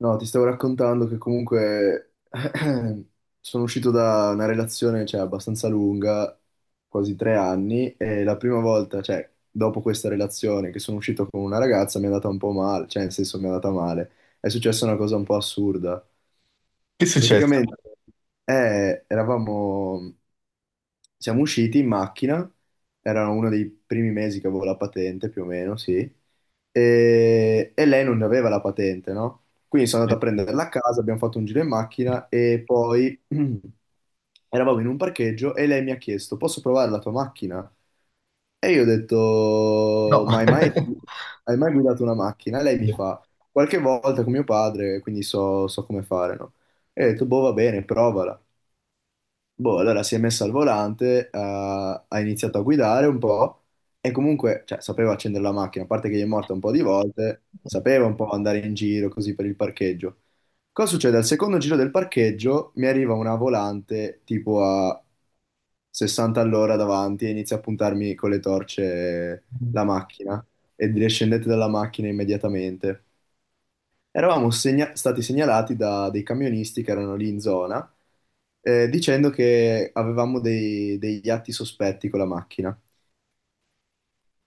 No, ti stavo raccontando che comunque sono uscito da una relazione, cioè, abbastanza lunga, quasi 3 anni, e la prima volta, cioè, dopo questa relazione che sono uscito con una ragazza mi è andata un po' male, cioè, nel senso mi è andata male. È successa una cosa un po' assurda. Che è successo? Praticamente eravamo, siamo usciti in macchina, era uno dei primi mesi che avevo la patente più o meno, sì, e lei non aveva la patente, no? Quindi sono andato a prenderla a casa, abbiamo fatto un giro in macchina e poi eravamo in un parcheggio e lei mi ha chiesto, posso provare la tua macchina? E io ho detto, No. ma hai mai, hai mai guidato una macchina? E lei mi fa, qualche volta con mio padre, quindi so come fare, no? E ho detto, boh, va bene, provala. Boh, allora si è messa al volante, ha iniziato a guidare un po' e comunque, cioè, sapeva accendere la macchina, a parte che gli è morta un po' di volte, sapeva un po' andare in giro così per il parcheggio. Cosa succede? Al secondo giro del parcheggio mi arriva una volante tipo a 60 all'ora davanti e inizia a puntarmi con le torce la macchina e dire scendete dalla macchina immediatamente. Eravamo stati segnalati da dei camionisti che erano lì in zona, dicendo che avevamo degli atti sospetti con la macchina.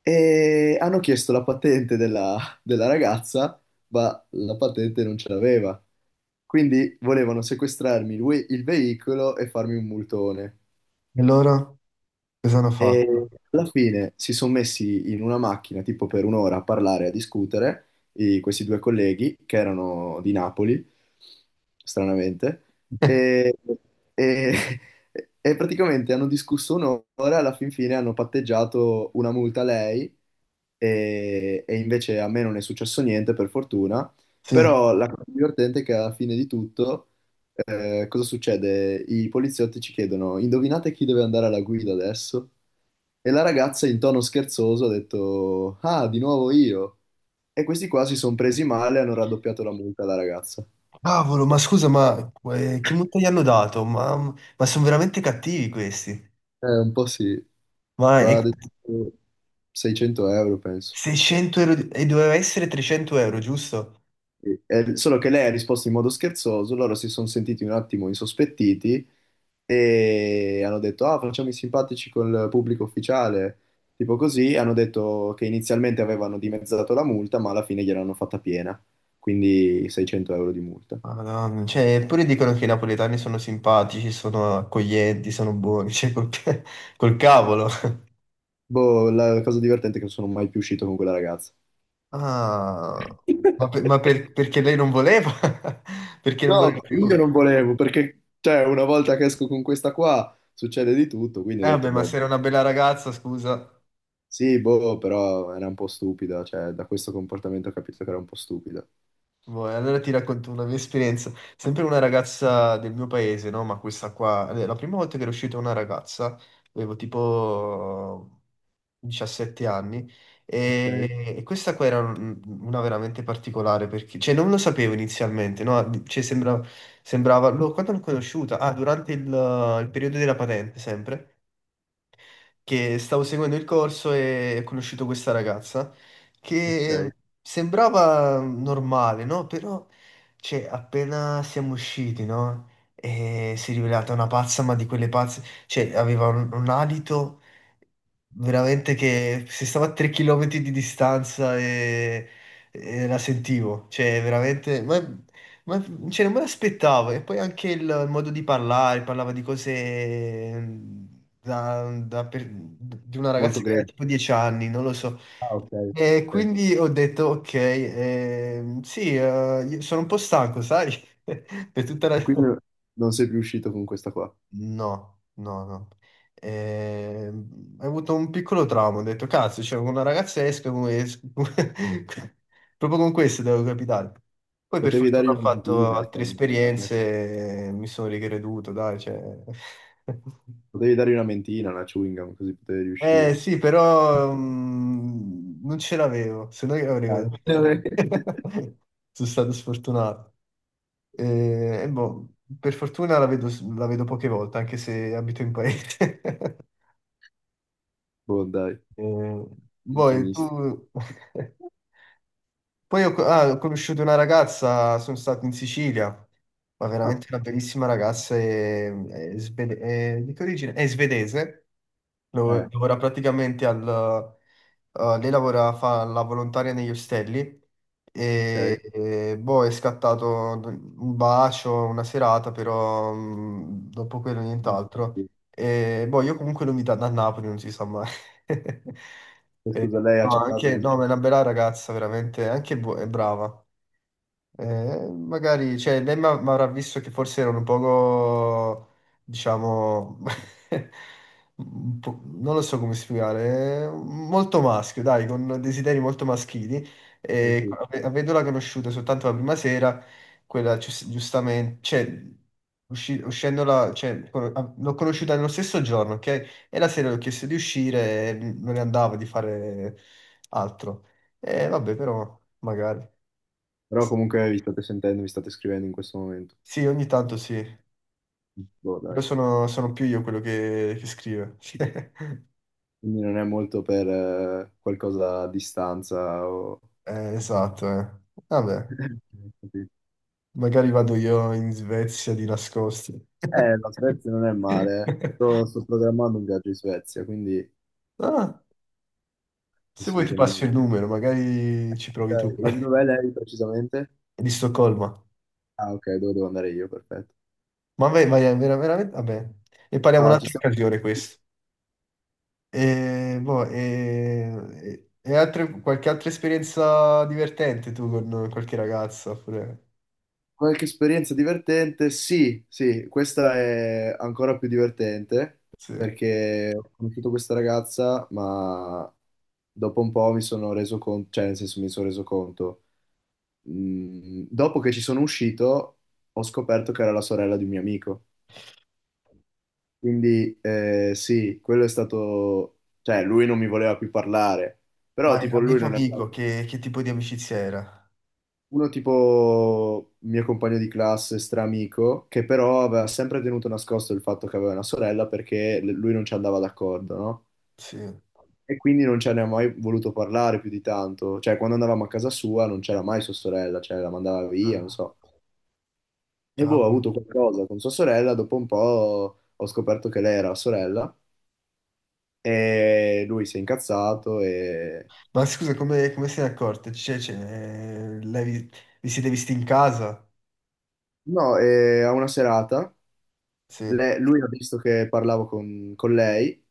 E hanno chiesto la patente della, della ragazza, ma la patente non ce l'aveva. Quindi volevano sequestrarmi il veicolo e farmi un multone. E loro cosa hanno E fatto? alla fine si sono messi in una macchina tipo per un'ora a parlare, a discutere, questi due colleghi che erano di Napoli, stranamente, e, e- e praticamente hanno discusso un'ora, alla fin fine hanno patteggiato una multa a lei e invece a me non è successo niente per fortuna, Sì. però la cosa divertente è che alla fine di tutto cosa succede? I poliziotti ci chiedono, indovinate chi deve andare alla guida adesso? E la ragazza in tono scherzoso ha detto, ah, di nuovo io. E questi qua si sono presi male e hanno raddoppiato la multa alla ragazza. Cavolo, ma scusa, ma che multa gli hanno dato? Ma sono veramente cattivi questi. Un po' sì, Ma è ma ad esempio 600 € penso. 600 euro di- e doveva essere 300 euro, giusto? Solo che lei ha risposto in modo scherzoso, loro si sono sentiti un attimo insospettiti e hanno detto: Ah, facciamo i simpatici col pubblico ufficiale. Tipo così, hanno detto che inizialmente avevano dimezzato la multa, ma alla fine gliel'hanno fatta piena, quindi 600 € di multa. Madonna, cioè, eppure dicono che i napoletani sono simpatici, sono accoglienti, sono buoni, cioè, col, ca- col cavolo. Boh, la cosa divertente è che non sono mai più uscito con quella ragazza. Ah, ma per- perché lei non voleva? Perché non voleva No, io più? non volevo, perché cioè, una volta che esco con questa qua succede di tutto, quindi ho Vabbè, detto, ma boh. se era una bella ragazza, scusa. Sì, boh, però era un po' stupida, cioè da questo comportamento ho capito che era un po' stupida. Boh, e allora ti racconto una mia esperienza, sempre una ragazza del mio paese, no? Ma questa qua, la prima volta che ero uscito con una ragazza, avevo tipo 17 anni, Ok, e questa qua era un- una veramente particolare, perché, cioè non lo sapevo inizialmente, no? Cioè sembra- sembrava, lo- quando l'ho conosciuta? Ah, durante il periodo della patente, sempre che stavo seguendo il corso e ho conosciuto questa ragazza che ok. sembrava normale, no? Però, cioè, appena siamo usciti, no? E si è rivelata una pazza, ma di quelle pazze, cioè, aveva un alito veramente che se stava a 3 km di distanza e la sentivo, cioè, veramente, ma cioè, non me l'aspettavo. E poi anche il modo di parlare, parlava di cose da, da per- di una Molto ragazza che aveva grezzo. tipo 10 anni, non lo so. Ah, ok, E ok. quindi ho detto, ok, sì, io sono un po' stanco, sai? Per tutta la... E quindi non sei più uscito con questa qua. No, no, no. Ho avuto un piccolo trauma, ho detto, cazzo, c'è una ragazza esca come... es- Proprio con questo devo capitare. Poi per Potevi dargli fortuna ho una fatto mentina, altre una- esperienze, e mi sono ricreduto, dai, cioè... potevi dargli una mentina, una chewing gum, così potevi Eh riuscire. sì, però mm, non ce l'avevo, se no io Ah, avrei... vabbè. Sono stato sfortunato. E boh, per fortuna la vedo poche volte, anche se abito in paese. Boh, dai, Eh, senza poi misti. tu... Poi ho, ah, ho conosciuto una ragazza, sono stato in Sicilia, ma veramente Ah, una bellissima ragazza, è svede- è- di che origine? È svedese. Lav- eh, Lavora praticamente al... lei lavora, fa la volontaria negli ostelli ok. E, boh, è scattato un bacio, una serata, però mm, dopo quello nient'altro. E boh, io comunque l'ho invitata a Napoli, non si sa mai. E, scusa, lei ha no, accettato anche, no, questo. ma è una bella ragazza, veramente, anche bu- è brava. Magari, cioè, lei mi avrà visto che forse erano un poco, diciamo, un po'- non lo so come spiegare, molto maschio, dai, con desideri molto maschili. Eh, E sì. ave- avendola conosciuta soltanto la prima sera, quella gius- giustamente, cioè, usci- uscendola, cioè, con- a- l'ho conosciuta nello stesso giorno, ok? E la sera le ho chiesto di uscire e non ne andava di fare altro. E vabbè, però, magari. Però comunque vi state sentendo, vi state scrivendo in questo momento. Sì, ogni tanto sì. Boh, dai. Però sono, sono più io quello che scrive. Quindi non è molto per qualcosa a distanza o... esatto, eh. Vabbè, Capito? magari vado io in Svezia di nascosto. La Svezia non è male. Sto programmando un viaggio in Svezia, quindi Ah, sì, se vuoi sì, ti passo il numero, magari ci provi tu. dai, ma di dov'è lei precisamente? È di Stoccolma. Ah, ok, dove devo andare io, perfetto. Ma vai, vai, è vera- veramente... Vabbè, ne parliamo Ah, ci un'altra stiamo... occasione questo. E, boh, e altre- qualche altra esperienza divertente tu con qualche ragazza? Oppure... Qualche esperienza divertente? Sì, sì, questa è ancora più divertente Sì. perché ho conosciuto questa ragazza, ma dopo un po' mi sono reso conto, cioè nel senso mi sono reso conto dopo che ci sono uscito, ho scoperto che era la sorella di un mio amico. Quindi sì, quello è stato... Cioè, lui non mi voleva più parlare, però Ma era tipo lui amico non aveva... amico, che tipo di amicizia era? Uno tipo mio compagno di classe, stramico, che però aveva sempre tenuto nascosto il fatto che aveva una sorella perché lui non ci andava d'accordo, no? Sì. E quindi non ce ne ha mai voluto parlare più di tanto. Cioè, quando andavamo a casa sua non c'era mai sua sorella, cioè la mandava via, non Ah, so. E boh, ho cavolo. avuto qualcosa con sua sorella, dopo un po' ho scoperto che lei era sorella e lui si è incazzato e... Ma scusa, come, come se ne è accorta? Cioè, cioè, lei vi, vi siete visti in casa? No, e a una serata Sì. Lui ha visto che parlavo con lei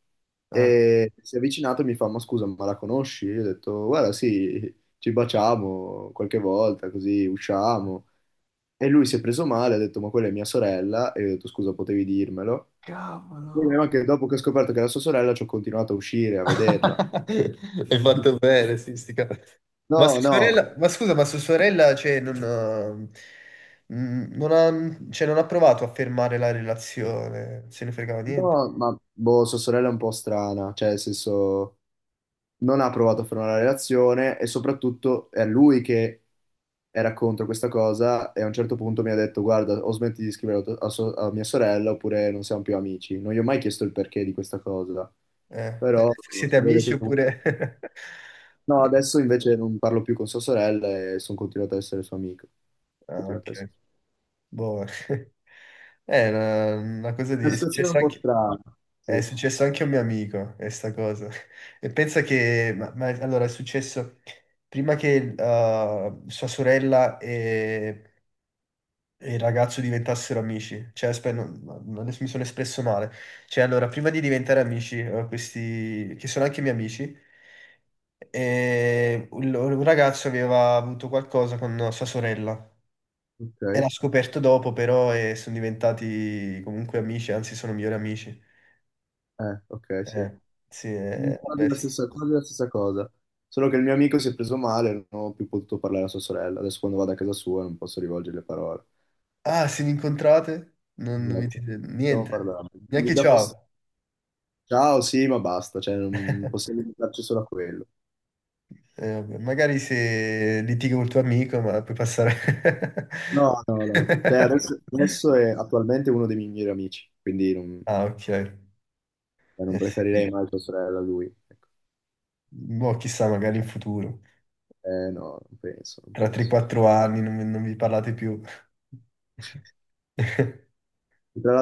e si è avvicinato e mi fa: Ma scusa, ma la conosci? Io ho detto: Guarda, sì, ci baciamo qualche volta, così usciamo. E lui si è preso male, ha detto: Ma quella è mia sorella. E io ho detto: Scusa, potevi dirmelo. Il Cavolo. problema è che dopo che ho scoperto che era sua sorella, ci ho continuato a uscire, a vederla. Hai fatto bene, sì, sti cavoli. Ma No, sua no. sorella, ma scusa, ma sua sorella, cioè, non ha, mm, non ha- cioè, non ha provato a fermare la relazione, se ne fregava niente. No, ma boh, sua sorella è un po' strana, cioè nel senso non ha provato a fare una relazione e soprattutto è lui che era contro questa cosa e a un certo punto mi ha detto guarda o smetti di scrivere a, tua- a so- a mia sorella oppure non siamo più amici. Non gli ho mai chiesto il perché di questa cosa, però Siete si vede amici che... oppure... No, adesso invece non parlo più con sua sorella e sono continuato ad essere suo amico. Ah, Continuato ad ok. essere... Boh, è una cosa di... Una situazione un po' strana, sì. è successo anche a un mio amico, questa cosa. E pensa che... ma- allora, è successo prima che sua sorella e il ragazzo diventassero amici. Cioè, aspetta, non- non- adesso mi sono espresso male. Cioè, allora, prima di diventare amici, questi... che sono anche miei amici, un ragazzo aveva avuto qualcosa con sua sorella. Ok, Era scoperto dopo, però, e sono diventati comunque amici, anzi sono migliori amici. Ok, sì. Eh, sì, Mm, vabbè. quasi la stessa, quasi la stessa cosa. Solo che il mio amico si è preso male, non ho più potuto parlare a sua sorella. Adesso quando vado a casa sua non posso rivolgere le parole. Ah, se vi incontrate? Non, non vi Esatto. dite Stiamo niente, parlando. neanche Mi dà fastidio. ciao. Ciao, sì, ma basta, cioè non possiamo limitarci solo a quello. Vabbè, magari se litighi col tuo amico, ma puoi passare. No, no, no. Cioè, adesso, adesso è attualmente uno dei miei migliori amici, quindi non, Ah, ok. Eh non sì. preferirei mai tua sorella a lui. Ecco. Boh, chissà, magari in futuro. Eh no, non penso, non Tra penso. 3-4 anni non, non vi parlate più. Tra